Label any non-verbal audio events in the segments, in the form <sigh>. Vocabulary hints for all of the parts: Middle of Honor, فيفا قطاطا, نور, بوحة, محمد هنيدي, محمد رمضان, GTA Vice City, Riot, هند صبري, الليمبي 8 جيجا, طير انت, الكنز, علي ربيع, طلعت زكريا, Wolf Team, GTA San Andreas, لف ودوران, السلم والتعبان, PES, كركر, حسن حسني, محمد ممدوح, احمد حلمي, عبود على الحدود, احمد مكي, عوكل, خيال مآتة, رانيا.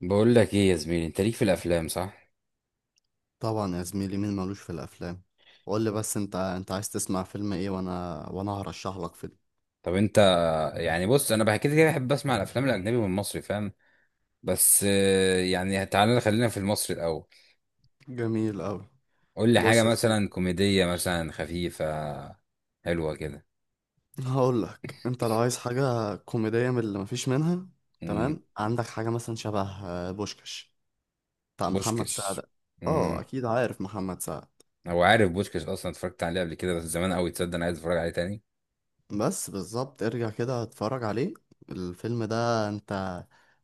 بقول لك ايه يا زميلي، انت ليك في الافلام، صح؟ طبعا يا زميلي، مين مالوش في الافلام؟ قول لي بس، انت عايز تسمع فيلم ايه؟ وانا هرشح لك فيلم. طب انت. يعني بص، انا بحكي كده بحب اسمع الافلام الاجنبي والمصري، فاهم. بس يعني تعالى خلينا في المصري الاول. جميل قوي. قول لي حاجه بص يا مثلا زميلي، كوميديه، مثلا خفيفه. حلوه كده. هقول لك، انت لو عايز حاجه كوميديه من اللي مفيش منها، امم. تمام؟ عندك حاجه مثلا شبه بوشكاش بتاع محمد سعد. بوشكش. اه، امم. اكيد عارف محمد سعد. هو عارف بوشكش اصلا، اتفرجت عليه قبل كده بس زمان قوي. تصدق انا عايز اتفرج عليه تاني. بس بالظبط، ارجع كده اتفرج عليه. الفيلم ده انت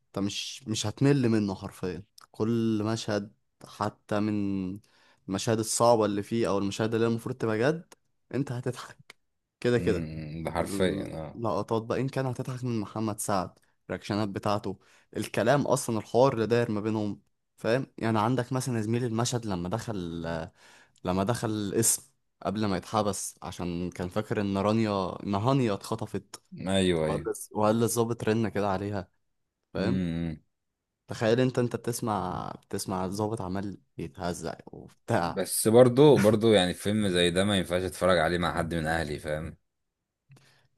انت مش هتمل منه حرفيا. كل مشهد، حتى من المشاهد الصعبة اللي فيه او المشاهد اللي هي المفروض تبقى جد، انت هتضحك كده كده. ده حرفيا اه. اللقطات بقى، ان كان هتضحك من محمد سعد، الرياكشنات بتاعته، الكلام اصلا، الحوار اللي داير ما بينهم. فاهم؟ يعني عندك مثلا يا زميلي المشهد لما دخل، لما دخل القسم، قبل ما يتحبس، عشان كان فاكر ان رانيا، ان هانيا اتخطفت، ايوه، ايوه. وقال للظابط رن كده عليها. فاهم؟ امم. تخيل انت، انت بتسمع الظابط عمال يتهزق وبتاع. بس برضو يعني فيلم زي ده ما ينفعش اتفرج عليه مع حد من اهلي، فاهم.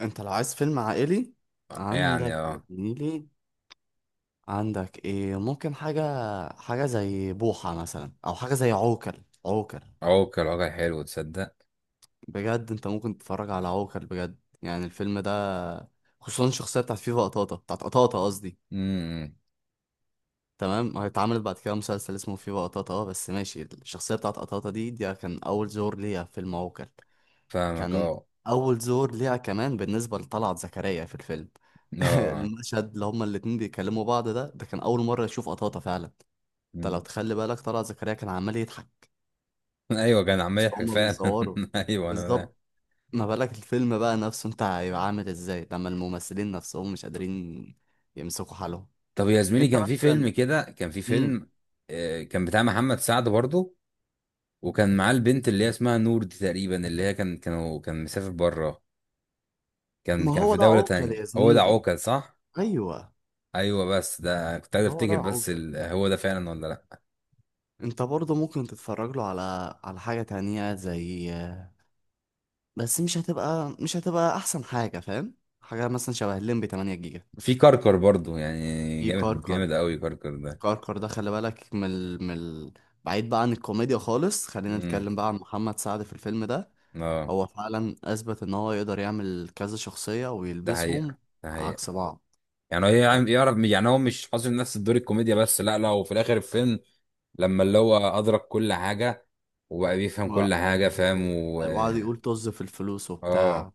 انت لو عايز فيلم عائلي، يعني عندك يا اه. زميلي، عندك ايه، ممكن حاجة، حاجة زي بوحة مثلا، او حاجة زي عوكل. عوكل اه، كان الواقع حلو، تصدق. بجد، انت ممكن تتفرج على عوكل بجد. يعني الفيلم ده، خصوصا الشخصية بتاعت فيفا قطاطا، بتاعت قطاطا قصدي، امم. تمام؟ اتعملت بعد كده مسلسل اسمه فيفا قطاطا، اه، بس ماشي. الشخصية بتاعت قطاطا دي، كان أول زور ليها في الموكل. فاهمك كان اه. أول زور ليها كمان بالنسبة لطلعت زكريا في الفيلم. اه، <laughs> آه. المشهد اللي هما الاتنين بيكلموا بعض ده، كان أول مرة يشوف قطاطا فعلا. انت لو مم. تخلي بالك طلعت زكريا كان عمال يضحك، <laughs> ايوه، كان عمال بس يضحك هما فعلا. بيصوروا. <laughs> ايوه انا فاهم. بالظبط. ما بالك الفيلم بقى نفسه، انت هيبقى عامل ازاي لما الممثلين نفسهم مش قادرين يمسكوا حالهم؟ طب يا زميلي، انت كان في فيلم مثلا. كده، كان في مم. فيلم كان بتاع محمد سعد برضه. وكان معاه البنت اللي هي اسمها نور دي تقريبا، اللي هي كان مسافر بره. كان ما كان هو في ده دولة عوكل تانية. يا هو ده زميلي. عوكل صح؟ ايوه، ايوه، بس ده كنت عايز هو ده افتكر بس عوجل. هو ده فعلا ولا لا؟ انت برضه ممكن تتفرج له على، على حاجة تانية زي، بس مش هتبقى احسن حاجة. فاهم؟ حاجة مثلا شبه الليمبي 8 جيجا. في كركر برضه، يعني في جامد جامد كركر. قوي كركر ده. كركر ده خلي بالك من ال... من ال... بعيد بقى عن الكوميديا خالص، خلينا امم. نتكلم بقى عن محمد سعد في الفيلم ده. اه، هو فعلا اثبت ان هو يقدر يعمل كذا شخصية ده ويلبسهم حقيقة، ده عكس حقيقة. بعض. يعني هي، فاهم؟ يعني يعرف، يعني هو مش حاصل نفس الدور الكوميديا بس، لا لا، وفي الاخر الفيلم لما اللي هو ادرك كل حاجه وبقى بيفهم كل حاجه، فاهم و... وقعد يقول طز في الفلوس وبتاع، اه.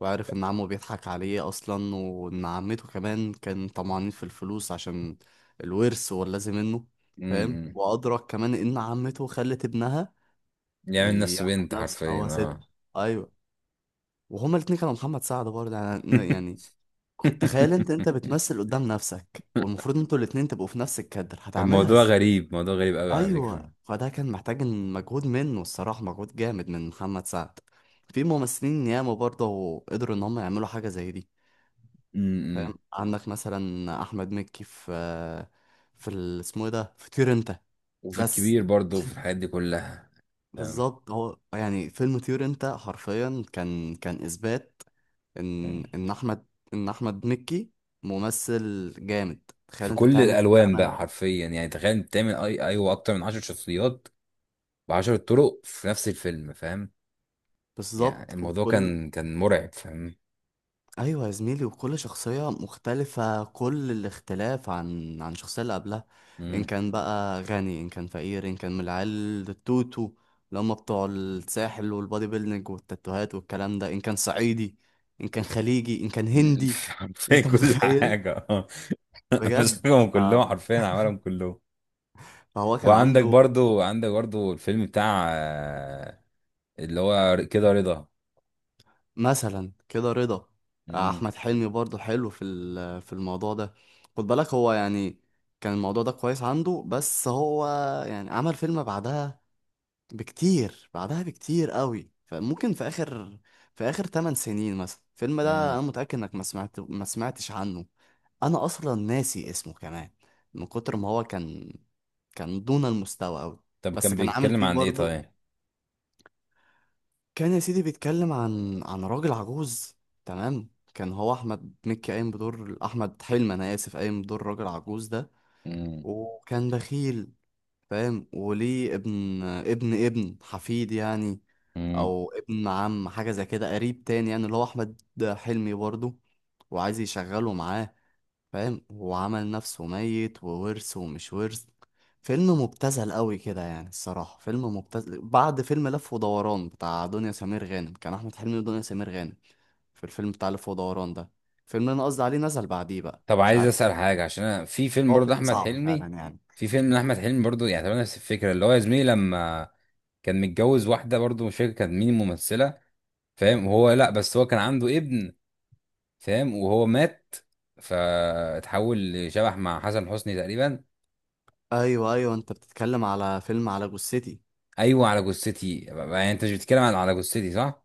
وعارف ان عمه بيضحك عليه اصلا، وان عمته كمان كان طمعانين في الفلوس عشان الورث واللازم منه. فاهم؟ امم. وادرك كمان ان عمته خلت ابنها يعمل نفسه يعمل بنت، نفسه ان حرفيا هو ست. اه. ايوه. وهما الاتنين كانوا محمد سعد برضه. يعني يعني <laughs> تخيل انت، انت بتمثل قدام نفسك، والمفروض انتوا الاتنين تبقوا في نفس الكادر. هتعملها الموضوع ازاي؟ غريب، موضوع غريب قوي على فكره. ايوه، فده كان محتاج إن، مجهود منه الصراحه، مجهود جامد من محمد سعد. في ممثلين ياما برضه قدروا ان هم يعملوا حاجه زي دي. فاهم؟ امم. عندك مثلا احمد مكي في، في ال- اسمه ايه ده، في طير انت. وفي بس الكبير برضه، وفي الحاجات دي كلها. فاهم. بالظبط، هو يعني فيلم طير انت حرفيا كان، كان اثبات ان احمد، ان احمد مكي ممثل جامد. تخيل في انت كل تعمل الالوان بقى، تعمل. حرفيا يعني تخيل انت تعمل اي، ايوه، اكتر من 10 شخصيات ب 10 طرق في نفس الفيلم، فاهم. يعني بالظبط. الموضوع وكل، كان مرعب، فاهم. ايوه يا زميلي، وكل شخصيه مختلفه كل الاختلاف عن، عن الشخصيه اللي قبلها. ان مم. كان بقى غني، ان كان فقير، ان كان من العيال التوتو اللي هم بتوع الساحل والبادي بيلدينج والتاتوهات والكلام ده، ان كان صعيدي، ان كان خليجي، ان كان <laughs> هندي. حرفيا انت كل متخيل؟ حاجة، اه. <laughs> بجد. مسكهم ف... كلهم حرفيا، عملهم كلهم. فهو كان وعندك عنده. برضو عندك برضو الفيلم بتاع اللي هو كده رضا. مثلا كده رضا. مم. احمد حلمي برضو حلو في ال- في الموضوع ده. خد بالك، هو يعني كان الموضوع ده كويس عنده، بس هو يعني عمل فيلم بعدها بكتير، بعدها بكتير قوي. فممكن في اخر، في اخر 8 سنين مثلا، الفيلم ده مم. انا متأكد انك ما سمعتش عنه. انا اصلا ناسي اسمه كمان، من كتر ما هو كان، كان دون المستوى قوي. طب بس كان كان عامل بيتكلم فيه عن ايه برضو. طيب؟ كان يا سيدي بيتكلم عن، عن راجل عجوز، تمام؟ كان هو احمد مكي قايم بدور، احمد حلمي انا اسف، قايم بدور راجل عجوز ده، مم. وكان بخيل. فاهم؟ وليه ابن، ابن حفيد يعني، مم. او ابن عم، حاجه زي كده، قريب تاني يعني، اللي هو احمد حلمي برضه، وعايز يشغله معاه. فاهم؟ وعمل نفسه ميت، وورث ومش ورث. فيلم مبتذل قوي كده يعني الصراحة، فيلم مبتذل بعد فيلم لف ودوران بتاع دنيا سمير غانم، كان أحمد حلمي ودنيا سمير غانم في الفيلم بتاع لف ودوران ده. الفيلم اللي أنا قصدي عليه نزل بعديه بقى، طب مش عايز عارف. اسأل حاجة، عشان انا في فيلم هو برضو فيلم احمد صعب فعلا حلمي. يعني. في فيلم لاحمد حلمي برضو، يعني تقريبا نفس الفكرة، اللي هو يا زميلي لما كان متجوز واحدة برضو، مش فاكر كانت مين الممثلة، فاهم، وهو لا بس هو كان عنده ابن، فاهم، وهو مات فاتحول لشبح مع حسن حسني تقريبا. أيوه، أنت بتتكلم على فيلم على جثتي. ايوه على جثتي، يعني انت مش بتتكلم عن على جثتي، صح؟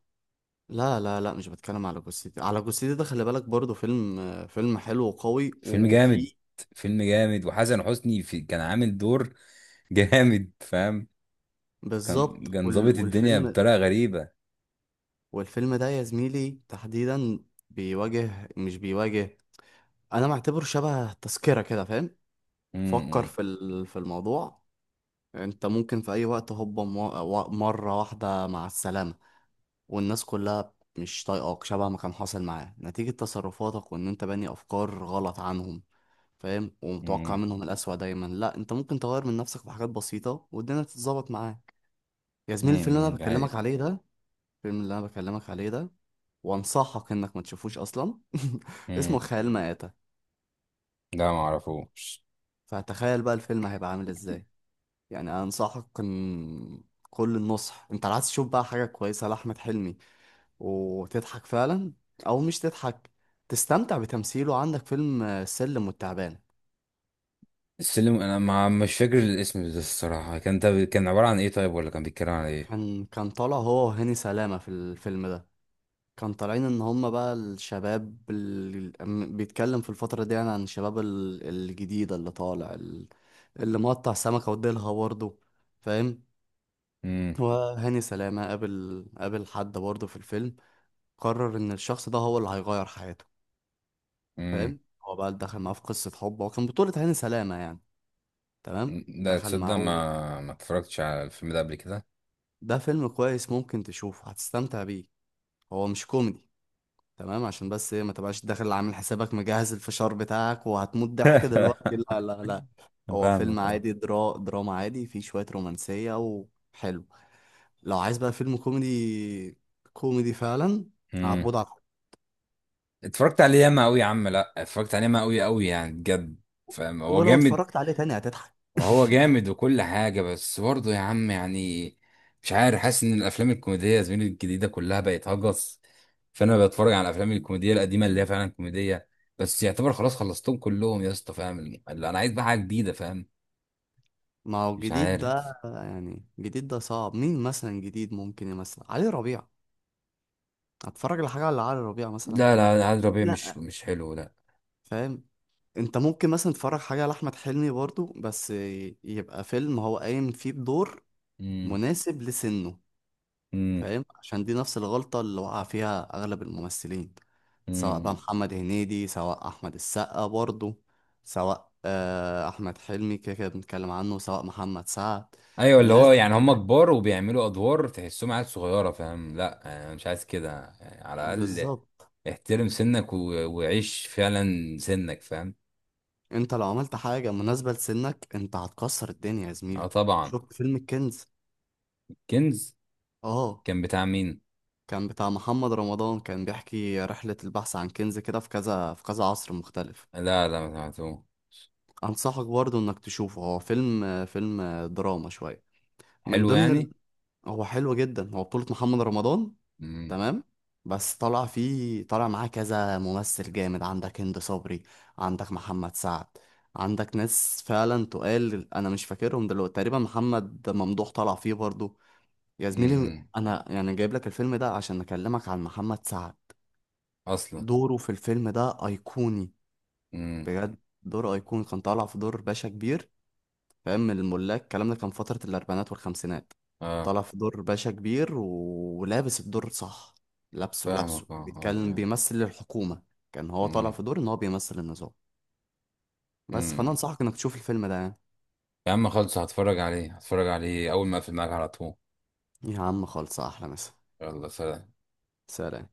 لا لا لا، مش بتكلم على جثتي. على جثتي ده خلي بالك برضه فيلم، فيلم حلو وقوي فيلم جامد. وفيه، فيلم جامد، وحسن حسني في كان عامل دور <laughs> جامد، فاهم. بالظبط. كان وال... ظابط الدنيا والفيلم، بطريقه غريبه. والفيلم ده يا زميلي تحديدا، بيواجه، مش بيواجه، انا معتبره شبه تذكرة كده. فاهم؟ فكر امم. في ال- في الموضوع. انت ممكن في اي وقت هوبا، مرة واحدة مع السلامة، والناس كلها مش طايقاك، شبه ما كان حاصل معاه، نتيجة تصرفاتك وان انت باني افكار غلط عنهم. فاهم؟ ومتوقع امم. منهم الأسوأ دايما. لا، انت ممكن تغير من نفسك في حاجات بسيطة والدنيا تتظبط معاك. يا زميلي الفيلم اللي انا ده بكلمك حقيقة. عليه ده، الفيلم اللي انا بكلمك عليه ده، وانصحك انك ما تشوفوش اصلا، <laughs> امم. اسمه خيال مآتة. لا، ما اعرفوش. فتخيل بقى الفيلم هيبقى عامل ازاي. يعني انا انصحك ان، كل النصح، انت عايز تشوف بقى حاجة كويسة لأحمد حلمي وتضحك فعلا، او مش تضحك، تستمتع بتمثيله، عندك فيلم السلم والتعبان. السلم، انا ما مش فاكر الاسم ده الصراحه. كان ده كان عباره عن ايه طيب، ولا كان بيتكلم عن ايه؟ كان، كان طالع هو وهاني سلامة في الفيلم ده. كان طالعين ان هم بقى الشباب ال- أم- بيتكلم في الفترة دي يعني عن الشباب ال- الجديدة اللي طالع ال- اللي مقطع سمكة وديلها برضه. فاهم؟ وهاني سلامة قابل حد برضه في الفيلم، قرر ان الشخص ده هو اللي هيغير حياته. امم. فاهم؟ هو بقى دخل معاه في قصة حب، هو كان بطولة هاني سلامة يعني، تمام؟ لا دخل تصدق، معاه و... ما اتفرجتش على الفيلم ده قبل كده. ده فيلم كويس ممكن تشوفه، هتستمتع بيه. هو مش كوميدي، تمام؟ عشان بس ايه، ما تبقاش داخل عامل حسابك مجهز الفشار بتاعك وهتموت ضحك دلوقتي. لا <laughs> لا لا، هو فيلم فاهمك اه. عادي، درا دراما عادي، فيه شوية رومانسية، وحلو. لو عايز بقى فيلم كوميدي، كوميدي فعلا، امم. عبود على الحدود. اتفرجت عليه ياما قوي يا عم. لا، اتفرجت عليه ياما قوي قوي، يعني بجد، فاهم. هو ولو جامد. اتفرجت عليه تاني هتضحك. وهو جامد وكل حاجه، بس برضه يا عم يعني مش عارف، حاسس ان الافلام الكوميديه يا زميلي الجديده كلها بقت هجس. فانا بتفرج على الافلام الكوميديه القديمه اللي هي فعلا كوميديه. بس يعتبر خلاص خلصتهم كلهم يا اسطى، فاهم. اللي انا عايز بقى حاجه جديده، فاهم. ما هو مش الجديد عارف. ده، يعني الجديد ده صعب. مين مثلا جديد؟ ممكن مثلا علي ربيع. هتفرج على حاجة على علي ربيع مثلا؟ لا لا، عاد ربيع مش لا. مش حلو، لا. فاهم؟ انت ممكن مثلا تتفرج حاجة لأحمد حلمي برضو، بس يبقى فيلم هو قايم فيه بدور امم. مناسب لسنه. امم. فاهم؟ عشان دي نفس الغلطة اللي وقع فيها أغلب الممثلين، سواء بقى امم. محمد هنيدي، سواء أحمد السقا برضه، سواء أحمد حلمي كده كده بنتكلم عنه، سواء محمد سعد. ايوه، اللي هو الناس دي يعني هم كبرت. كبار وبيعملوا ادوار تحسهم عيال صغيره، فاهم. لا، انا مش عايز كده، يعني على الاقل بالظبط. احترم سنك و... وعيش فعلا سنك، فاهم. انت لو عملت حاجة مناسبة لسنك، انت هتكسر الدنيا يا اه زميلي. طبعا. شفت فيلم الكنز؟ كنز. اه، كان بتاع مين؟ كان بتاع محمد رمضان، كان بيحكي رحلة البحث عن كنز كده في كذا، في كذا عصر مختلف. لا لا، ما سمعتوش. انصحك برضه انك تشوفه، هو فيلم، فيلم دراما شويه، من حلو ضمن ال... يعني. هو حلو جدا. هو بطولة محمد رمضان، امم. تمام؟ بس طلع فيه، طلع معاه كذا ممثل جامد، عندك هند صبري، عندك محمد سعد، عندك ناس فعلا تقال انا مش فاكرهم دلوقتي. تقريبا محمد ممدوح طلع فيه برضه. يا زميلي امم. انا يعني جايب لك الفيلم ده عشان اكلمك عن محمد سعد. اصلا. دوره في الفيلم ده ايقوني. امم. بجد. دور ايقوني. كان طالع في دور باشا كبير. فاهم؟ الملاك الكلام ده كان فترة الأربعينات والخمسينات. اه. طلع في دور باشا كبير ولابس الدور صح. لابسه لابسه فاهمك اه، بيتكلم، ايوه. بيمثل الحكومة. كان هو طالع امم. في دور إن هو بيمثل النظام. بس فأنا امم. أنصحك إنك تشوف الفيلم ده يعني. يا عم خلص، هتفرج عليه، هتفرج عليه اول ما اقفل معاك على طول. يا عم خالص، أحلى مسا. يلا سلام. سلام.